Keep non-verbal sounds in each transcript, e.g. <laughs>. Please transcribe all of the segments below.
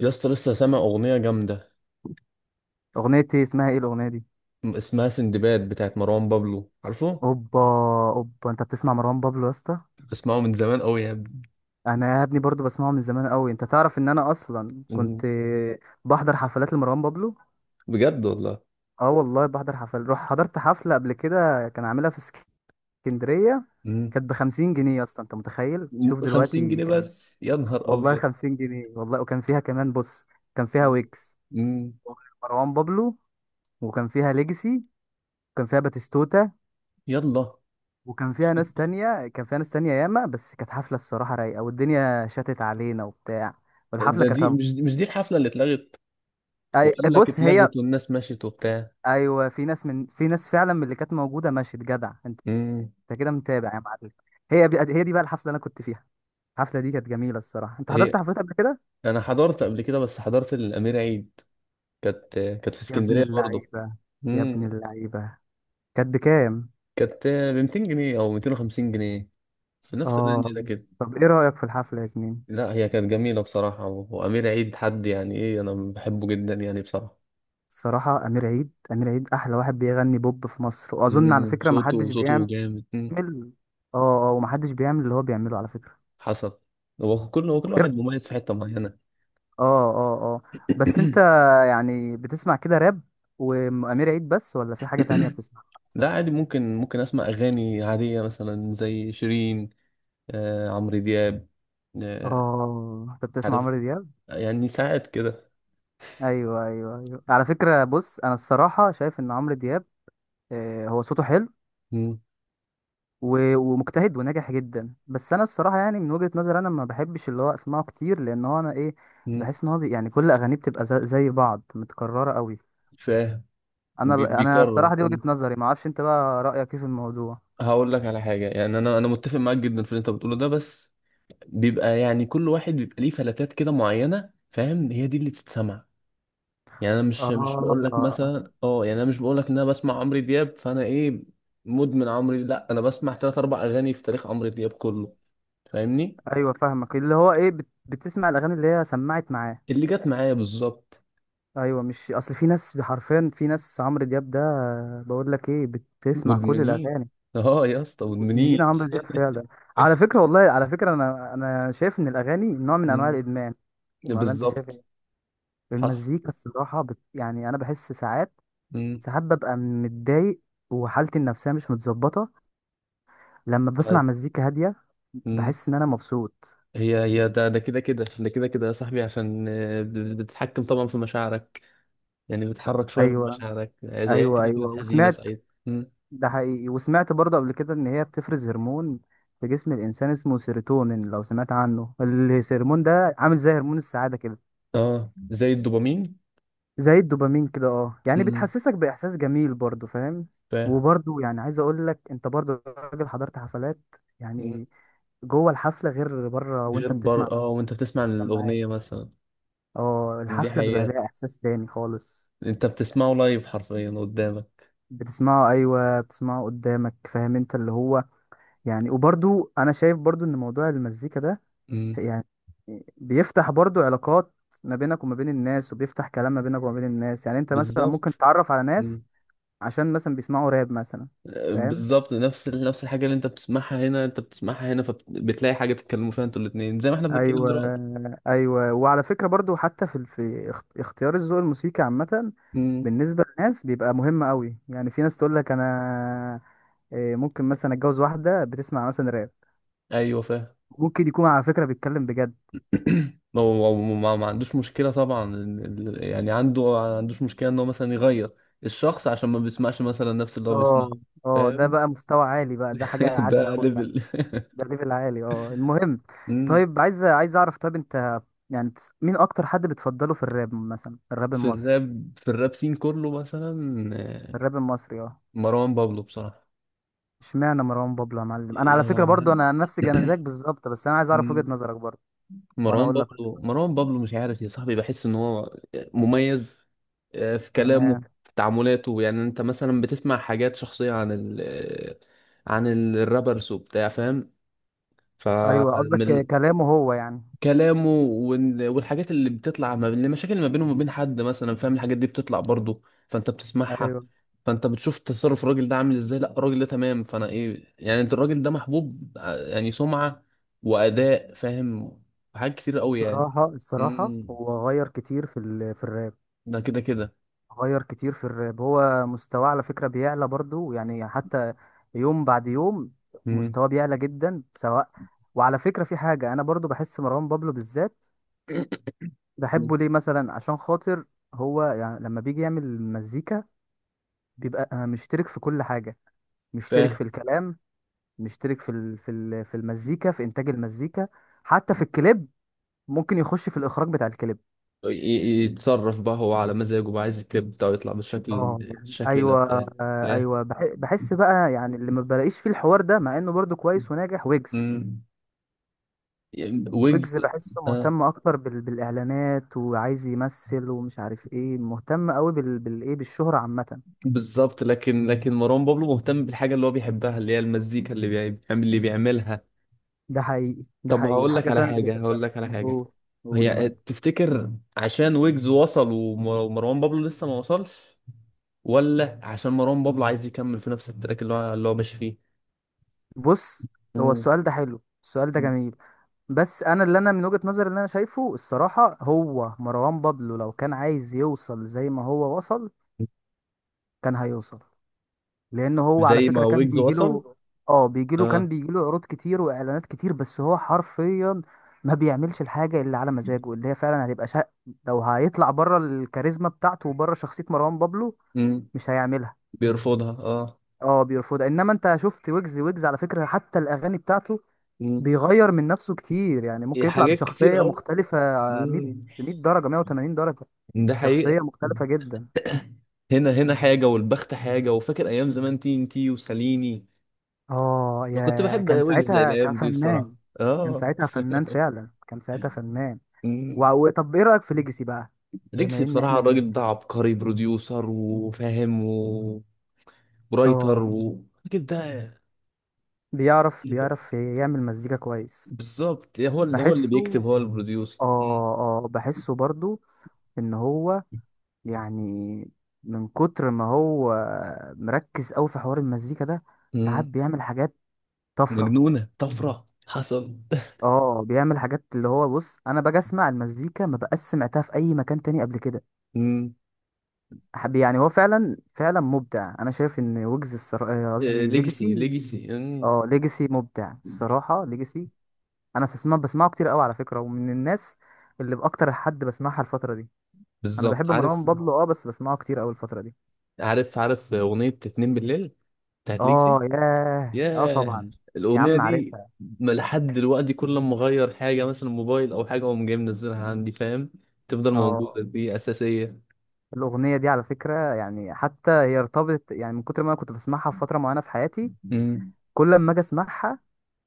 يا اسطى، لسه سامع اغنيه جامده. اغنيتي اسمها ايه الاغنيه دي؟ اسمها سندباد بتاعت مروان بابلو، عارفه؟ اوبا. اوبا، انت بتسمع مروان بابلو يا اسطى؟ بسمعه من زمان قوي يا ابني. انا يا ابني برضو بسمعه من زمان قوي. انت تعرف ان انا اصلا كنت مم. بحضر حفلات لمروان بابلو. بجد والله. اه والله بحضر حفل، روح حضرت حفله قبل كده، كان عاملها في اسكندريه. مم. كانت ب 50 جنيه يا اسطى، انت متخيل؟ شوف خمسين دلوقتي جنيه كان، بس يا نهار والله ابيض! 50 جنيه والله. وكان فيها كمان، بص، كان فيها مم. ويكس، مم. مروان بابلو، وكان فيها ليجاسي، وكان فيها باتيستوتا، يلا. وكان فيها ناس تانية، كان فيها ناس تانية ياما. بس كانت حفلة الصراحة رايقة، والدنيا شتت علينا وبتاع. والحفلة ده دي كانت مش مش دي الحفله اللي اتلغت؟ وقال لك بص هي. اتلغت والناس مشيت وبتاع. أيوة، في ناس فعلا من اللي كانت موجودة مشيت. جدع أنت، مم. أنت كده متابع يا معلم. هي دي بقى الحفلة اللي أنا كنت فيها. الحفلة دي كانت جميلة الصراحة. أنت هي. حضرت حفلات قبل كده؟ انا حضرت قبل كده، بس حضرت الامير عيد. كانت في يا ابن اسكندريه برضه. اللعيبة، يا ابن مم. اللعيبة، كانت بكام؟ كانت ب 200 جنيه او 250 جنيه، في نفس الرينج آه. ده كده. طب إيه رأيك في الحفلة يا زميلي؟ لا هي كانت جميلة بصراحة، وأمير عيد حد يعني إيه، أنا بحبه جدا يعني بصراحة. الصراحة أمير عيد، أمير عيد أحلى واحد بيغني بوب في مصر، وأظن مم، على فكرة صوته محدش صوته بيعمل جامد. مم. بيعمل اه، اه، ومحدش بيعمل اللي هو بيعمله على فكرة. حسب. هو كل واحد وإيه- مميز في حتة معينة. اه، اه، اه. بس انت <coughs> يعني بتسمع كده راب وأمير عيد بس، ولا في حاجة تانية بتسمعها لا مثلا؟ عادي، ممكن أسمع أغاني عادية مثلا زي شيرين، آه، عمرو دياب. آه، اه، انت بتسمع عارف، عمرو دياب. يعني ساعات كده. ايوه، ايوه، ايوه، على فكرة. بص انا الصراحة شايف ان عمرو دياب، آه، هو صوته حلو، مم. و- ومجتهد وناجح جدا. بس انا الصراحة يعني من وجهة نظري انا ما بحبش اللي هو اسمعه كتير، لان هو انا ايه، مم. بحس ان هو بي يعني كل اغانيه بتبقى زي بعض، متكررة قوي. فاهم. انا بيكرر. الصراحه دي وجهه مم. نظري، ما اعرفش انت بقى رايك ايه في الموضوع. هقول لك على حاجة، يعني أنا متفق معاك جدا في اللي أنت بتقوله ده، بس بيبقى يعني كل واحد بيبقى ليه فلاتات كده معينة، فاهم؟ هي دي اللي تتسمع. يعني انا مش بقول لك، آه. اه مثلا يعني انا مش بقول لك ان انا بسمع عمرو دياب فانا ايه، مدمن عمرو. لا انا بسمع ثلاث اربع اغاني في تاريخ عمرو دياب كله، فاهمني؟ ايوه، فاهمك. اللي هو ايه، بتسمع الاغاني اللي هي سمعت معاه. اللي جت معايا بالظبط. ايوه، مش اصل في ناس حرفيا، في ناس عمرو دياب ده، بقول لك ايه، بتسمع كل مدمنين. الاغاني. <laughs> اه يا اسطى مدمنين مدمنين. عمرو دياب فعلا. على فكره والله، على فكره انا، شايف ان الاغاني نوع من انواع مم. الادمان، ولا انت شايف بالظبط. ايه؟ حصل. المزيكا الصراحه يعني انا بحس ساعات، مم. ساعات ببقى متضايق وحالتي النفسيه مش متظبطه، لما بسمع ف- مزيكا هادية مم. بحس إن أنا مبسوط. هي ده كده كده ده كده كده يا صاحبي، عشان آه، بتتحكم طبعا في مشاعرك، يعني بتحرك شوية من أيوة، مشاعرك زي أيوة، كده أيوة، كده، حزينة وسمعت، سعيدة. مم. ده حقيقي، وسمعت برضه قبل كده إن هي بتفرز هرمون في جسم الإنسان اسمه سيروتونين. لو سمعت عنه، الهرمون ده عامل زي هرمون السعادة كده. اه زي الدوبامين. زي الدوبامين كده، اه، يعني امم. بتحسسك بإحساس جميل برضه، فاهم؟ فاهم. وبرضه يعني عايز أقول لك، أنت برضه راجل حضرت حفلات مم. يعني. جوه الحفلة غير بره غير وأنت بتسمع بر في اه وانت بتسمع السماعات. الأغنية مثلا. اه دي الحفلة بيبقى حقيقة. لها إحساس تاني خالص. انت بتسمعه لايف حرفيا قدامك. بتسمعه ايوه، بتسمعه قدامك، فاهم؟ انت اللي هو يعني، وبرضو انا شايف برضو ان موضوع المزيكا ده امم. يعني بيفتح برضو علاقات ما بينك وما بين الناس، وبيفتح كلام ما بينك وما بين الناس. يعني انت مثلا ممكن بالظبط. تتعرف على ناس امم. عشان مثلا بيسمعوا راب مثلا، آه، فاهم؟ بالظبط، نفس الحاجة اللي انت بتسمعها هنا، فبتلاقي حاجة تتكلموا فيها انتوا الاتنين زي ما احنا بنتكلم ايوه، دلوقتي. ايوه، وعلى فكرة برضو حتى في اختيار الذوق الموسيقي عامة امم. بالنسبة للناس بيبقى مهم قوي. يعني في ناس تقول لك انا إيه، ممكن مثلا اتجوز واحدة بتسمع مثلا راب، ايوه فاهم. ممكن يكون على فكرة بيتكلم بجد. ما هو هو ما عندوش مشكلة طبعا، يعني عنده ما عندوش مشكلة ان هو مثلا يغير الشخص عشان ما بيسمعش مثلا نفس اللي هو بيسمعه، اه، اه، ده فاهم؟ بقى مستوى عالي بقى، ده حاجة <laughs> عالية ده أوي يعني. ليفل <laughs> ده ليفل عالي، اه. المهم، مم. طيب عايز أعرف، طيب أنت يعني مين أكتر حد بتفضله في الراب مثلا؟ الراب في المصري. الراب في الراب سين كله مثلا. آه، الراب المصري اه. مروان بابلو بصراحة. اشمعنى مروان بابلو يا معلم؟ أنا يا على فكرة برضو مان. أنا نفس جنازاك بالظبط، بس أنا عايز أعرف وجهة <clears throat> نظرك برضو. وأنا مروان أقول لك. بابلو مروان بابلو مش عارف يا صاحبي، بحس ان هو مميز، آه، في كلامه، تمام. في تعاملاته، يعني انت مثلا بتسمع حاجات شخصية عن ال آه، عن الرابرز وبتاع، فاهم؟ أيوه قصدك فمن كلامه هو يعني. كلامه والحاجات اللي بتطلع ما بين المشاكل اللي ما بينه وما بين حد مثلا، فاهم؟ الحاجات دي بتطلع برضه، فانت بتسمعها، أيوه. فانت بتشوف تصرف الراجل ده عامل ازاي، لا الراجل ده تمام، فانا ايه يعني انت الراجل ده محبوب، يعني سمعة وأداء، فاهم؟ حاجات كتير قوي يعني. الصراحة مم. هو غير كتير في ال... في الراب. ده كده كده. غير كتير في الراب، هو مستواه على فكرة بيعلى برضو، يعني حتى يوم بعد يوم امم. مستواه بيعلى جدا سواء. وعلى فكرة في حاجة أنا برضو بحس مروان بابلو بالذات بحبه ليه مثلا، عشان خاطر هو يعني لما بيجي يعمل مزيكا بيبقى مشترك في كل حاجة. مشترك فاهم. في الكلام، مشترك في المزيكا، في إنتاج المزيكا، حتى في الكليب. ممكن يخش في الإخراج بتاع الكليب، يتصرف بقى هو على مزاجه، بقى عايز الكليب بتاعه يطلع بالشكل اه يعني. الشكل ده ايوه، بتاع. آه، ياه. ايوه بحس بقى يعني اللي ما بلاقيش فيه الحوار ده، مع انه برضو كويس وناجح، ويجز. مم. ويجز. ويجز بحسه آه. مهتم اكتر بال... بالاعلانات، وعايز يمثل ومش عارف ايه، مهتم قوي بال... بالايه، بالشهرة عامة. بالظبط، لكن مروان بابلو مهتم بالحاجه اللي هو بيحبها، اللي هي المزيكا اللي بيعملها. ده حقيقي، ده طب حقيقي، هقول لك الحاجة على فعلا اللي حاجه، بيحبها. هقول لك على حاجه. قول، قول يا هي معلم. تفتكر، عشان ويجز وصل ومروان بابلو لسه ما وصلش، ولا عشان مروان بابلو عايز يكمل في نفس التراك اللي هو ماشي فيه؟ بص، هو مم. السؤال ده حلو، السؤال ده جميل. بس انا اللي انا من وجهة نظري اللي انا شايفه الصراحة، هو مروان بابلو لو كان عايز يوصل زي ما هو وصل، كان هيوصل. لان هو على زي ما فكره كان ويجز وصل. بيجيله، اه بيجيله، كان اه. بيجيله عروض كتير واعلانات كتير، بس هو حرفيا ما بيعملش الحاجه اللي على مزاجه. اللي هي فعلا هتبقى شق، لو هيطلع بره الكاريزما بتاعته وبره شخصيه مروان بابلو، مم. مش هيعملها. بيرفضها اه. اه بيرفضها. انما انت شفت ويجز، على فكره حتى الاغاني بتاعته مم. بيغير من نفسه كتير. يعني ممكن يطلع حاجات كتير بشخصيه قوي. مختلفه 100، مم. 100 درجه، 180 درجه، ده حقيقة. شخصيه مختلفه جدا. هنا حاجة والبخت حاجة، وفاكر أيام زمان تي إن تي وساليني. اه، أنا كنت يا بحب كان ويجز ساعتها كان الأيام دي بصراحة، فنان. كان آه. ساعتها فنان فعلا، كان ساعتها فنان. أمم. طب ايه رأيك في ليجاسي بقى؟ ليجسي بما ان بصراحة احنا بن، الراجل ده عبقري، بروديوسر وفاهم ورايتر اه الراجل ده. بيعرف يعمل مزيكا كويس. بالظبط، هو اللي بيكتب، بحسه، هو البروديوسر. اه، اه بحسه برضو ان هو يعني، من كتر ما هو مركز قوي في حوار المزيكا ده، ساعات أمم. بيعمل حاجات طفرة. مجنونة طفرة حصل. اه، بيعمل حاجات اللي هو، بص انا باجي اسمع المزيكا ما بقاش سمعتها في اي مكان تاني قبل كده. أمم. يعني هو فعلا، فعلا مبدع. انا شايف ان ويجز، الصراحه آه، قصدي ليجسي ليجاسي، ليجسي أمم. اه ليجاسي مبدع الصراحه. ليجاسي انا بسمع، كتير قوي على فكره، ومن الناس اللي باكتر حد بسمعها الفتره دي. انا بالظبط. بحب مروان عارف بابلو اه، بس بسمعه كتير قوي الفتره دي. عارف عارف أغنية اتنين بالليل بتاعت ليجسي. اه ياه، اه ياه، طبعا. يا الأغنية عم دي! عارفها. ما لحد دلوقتي كل لما أغير حاجة مثلا موبايل أو حاجة، أقوم جاي منزلها عندي، فاهم؟ تفضل موجودة، اه، دي أساسية. الاغنيه دي على فكره يعني حتى هي ارتبطت. يعني من كتر ما انا كنت بسمعها في فتره معينه في حياتي، امم. كل ما اجي اسمعها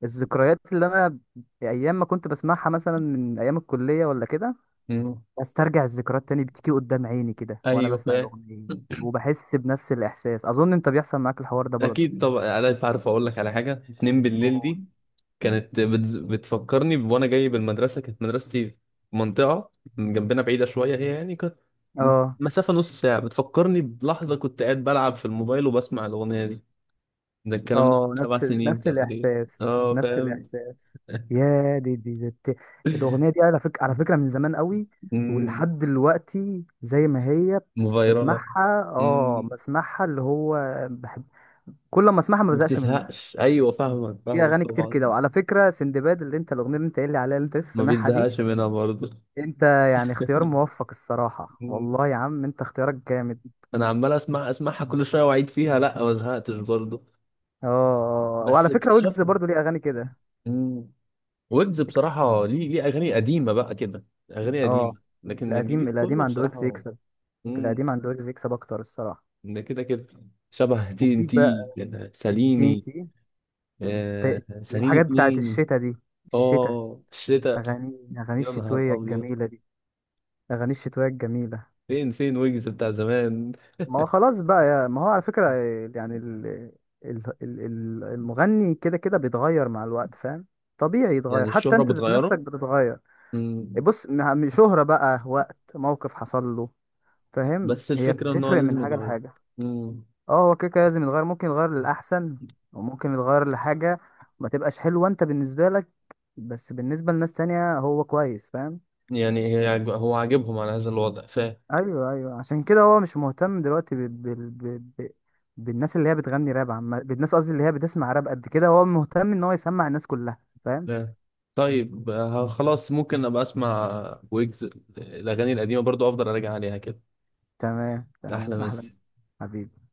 الذكريات اللي انا ايام ما كنت بسمعها مثلا من ايام الكليه ولا كده امم. استرجع الذكريات تاني، بتيجي قدام عيني كده وانا ايوه بسمع فاهم. الاغنيه. وبحس بنفس الاحساس، اظن انت بيحصل معاك الحوار ده برضه. أكيد طبعا، أنا عارف. أقول لك على حاجة، اتنين بالليل و- دي كانت بتفكرني وأنا جاي بالمدرسة، كانت مدرستي في منطقة من جنبنا بعيدة شوية، هي يعني كانت م- اه، مسافة نص ساعة، بتفكرني بلحظة كنت قاعد بلعب في الموبايل وبسمع الأغنية دي، ده الكلام ده من اه، سبع نفس سنين نفس تقريبا. الاحساس، نفس اه. الاحساس. يا دي، دي، دي. الاغنيه دي على فكره، على فكره من زمان قوي. فاهم. ولحد دلوقتي زي ما هي مفيرلة. بسمعها، اه مم. بسمعها اللي هو بحب، كل ما اسمعها ما ما بزهقش منها. بتزهقش، ايوه فاهمك، في فاهمك اغاني كتير طبعا. كده. وعلى فكره سندباد اللي انت الاغنيه اللي انت قايل لي عليها اللي انت لسه ما سامعها دي، بيتزهقش منها برضه. انت يعني اختيار موفق الصراحه. مم. والله يا عم انت اختيارك جامد. انا عمال اسمع اسمعها كل شويه واعيد فيها، لا ما زهقتش برضه، اه، آه، آه، بس وعلى فكره اكتشفت. ويجز برضو ليه اغاني كده مم. ويجز اكتر. بصراحه ليه، ليه اغاني قديمه بقى كده، اغاني اه، قديمه لكن القديم، الجديد كله عند ويجز بصراحه. يكسب. مم. القديم عند ويجز يكسب اكتر الصراحه. ده كده كده شبه تي ان وفي تي، بقى تي ان ساليني. تي. آه ساليني الحاجات بتاعت اتنين. الشتا دي، الشتا، اه الشتاء. اغاني، اغاني يا نهار الشتويه ابيض! الجميله دي، اغاني الشتويه الجميله. فين فين ويجز بتاع زمان؟ ما هو خلاص بقى يا، ما هو على فكرة يعني المغني كده كده بيتغير مع الوقت، فاهم؟ طبيعي يتغير، يعني حتى الشهرة انت ذات نفسك بتغيره. بتتغير. مم. إيه، بص، شهرة بقى، وقت موقف حصل له، فاهم؟ بس هي الفكرة ان هو بتفرق من لازم حاجة يتغير. لحاجة. مم. اه هو كده كده لازم يتغير. ممكن يتغير للأحسن، وممكن يتغير لحاجة ما تبقاش حلوة انت بالنسبة لك، بس بالنسبة لناس تانية هو كويس، فاهم؟ يعني هي هو عاجبهم على هذا الوضع، فاهم؟ ايوه، ايوه، عشان كده هو مش مهتم دلوقتي بالناس اللي هي بتغني راب. عم، بالناس قصدي اللي هي بتسمع راب قد كده. هو مهتم ان هو يسمع الناس كلها، فاهم؟ فاهم. طيب آه، خلاص، ممكن ابقى اسمع ويجز الاغاني القديمة برضو، افضل اراجع عليها كده. تمام، تمام، احلى احلى مسا. مسا. حبيبي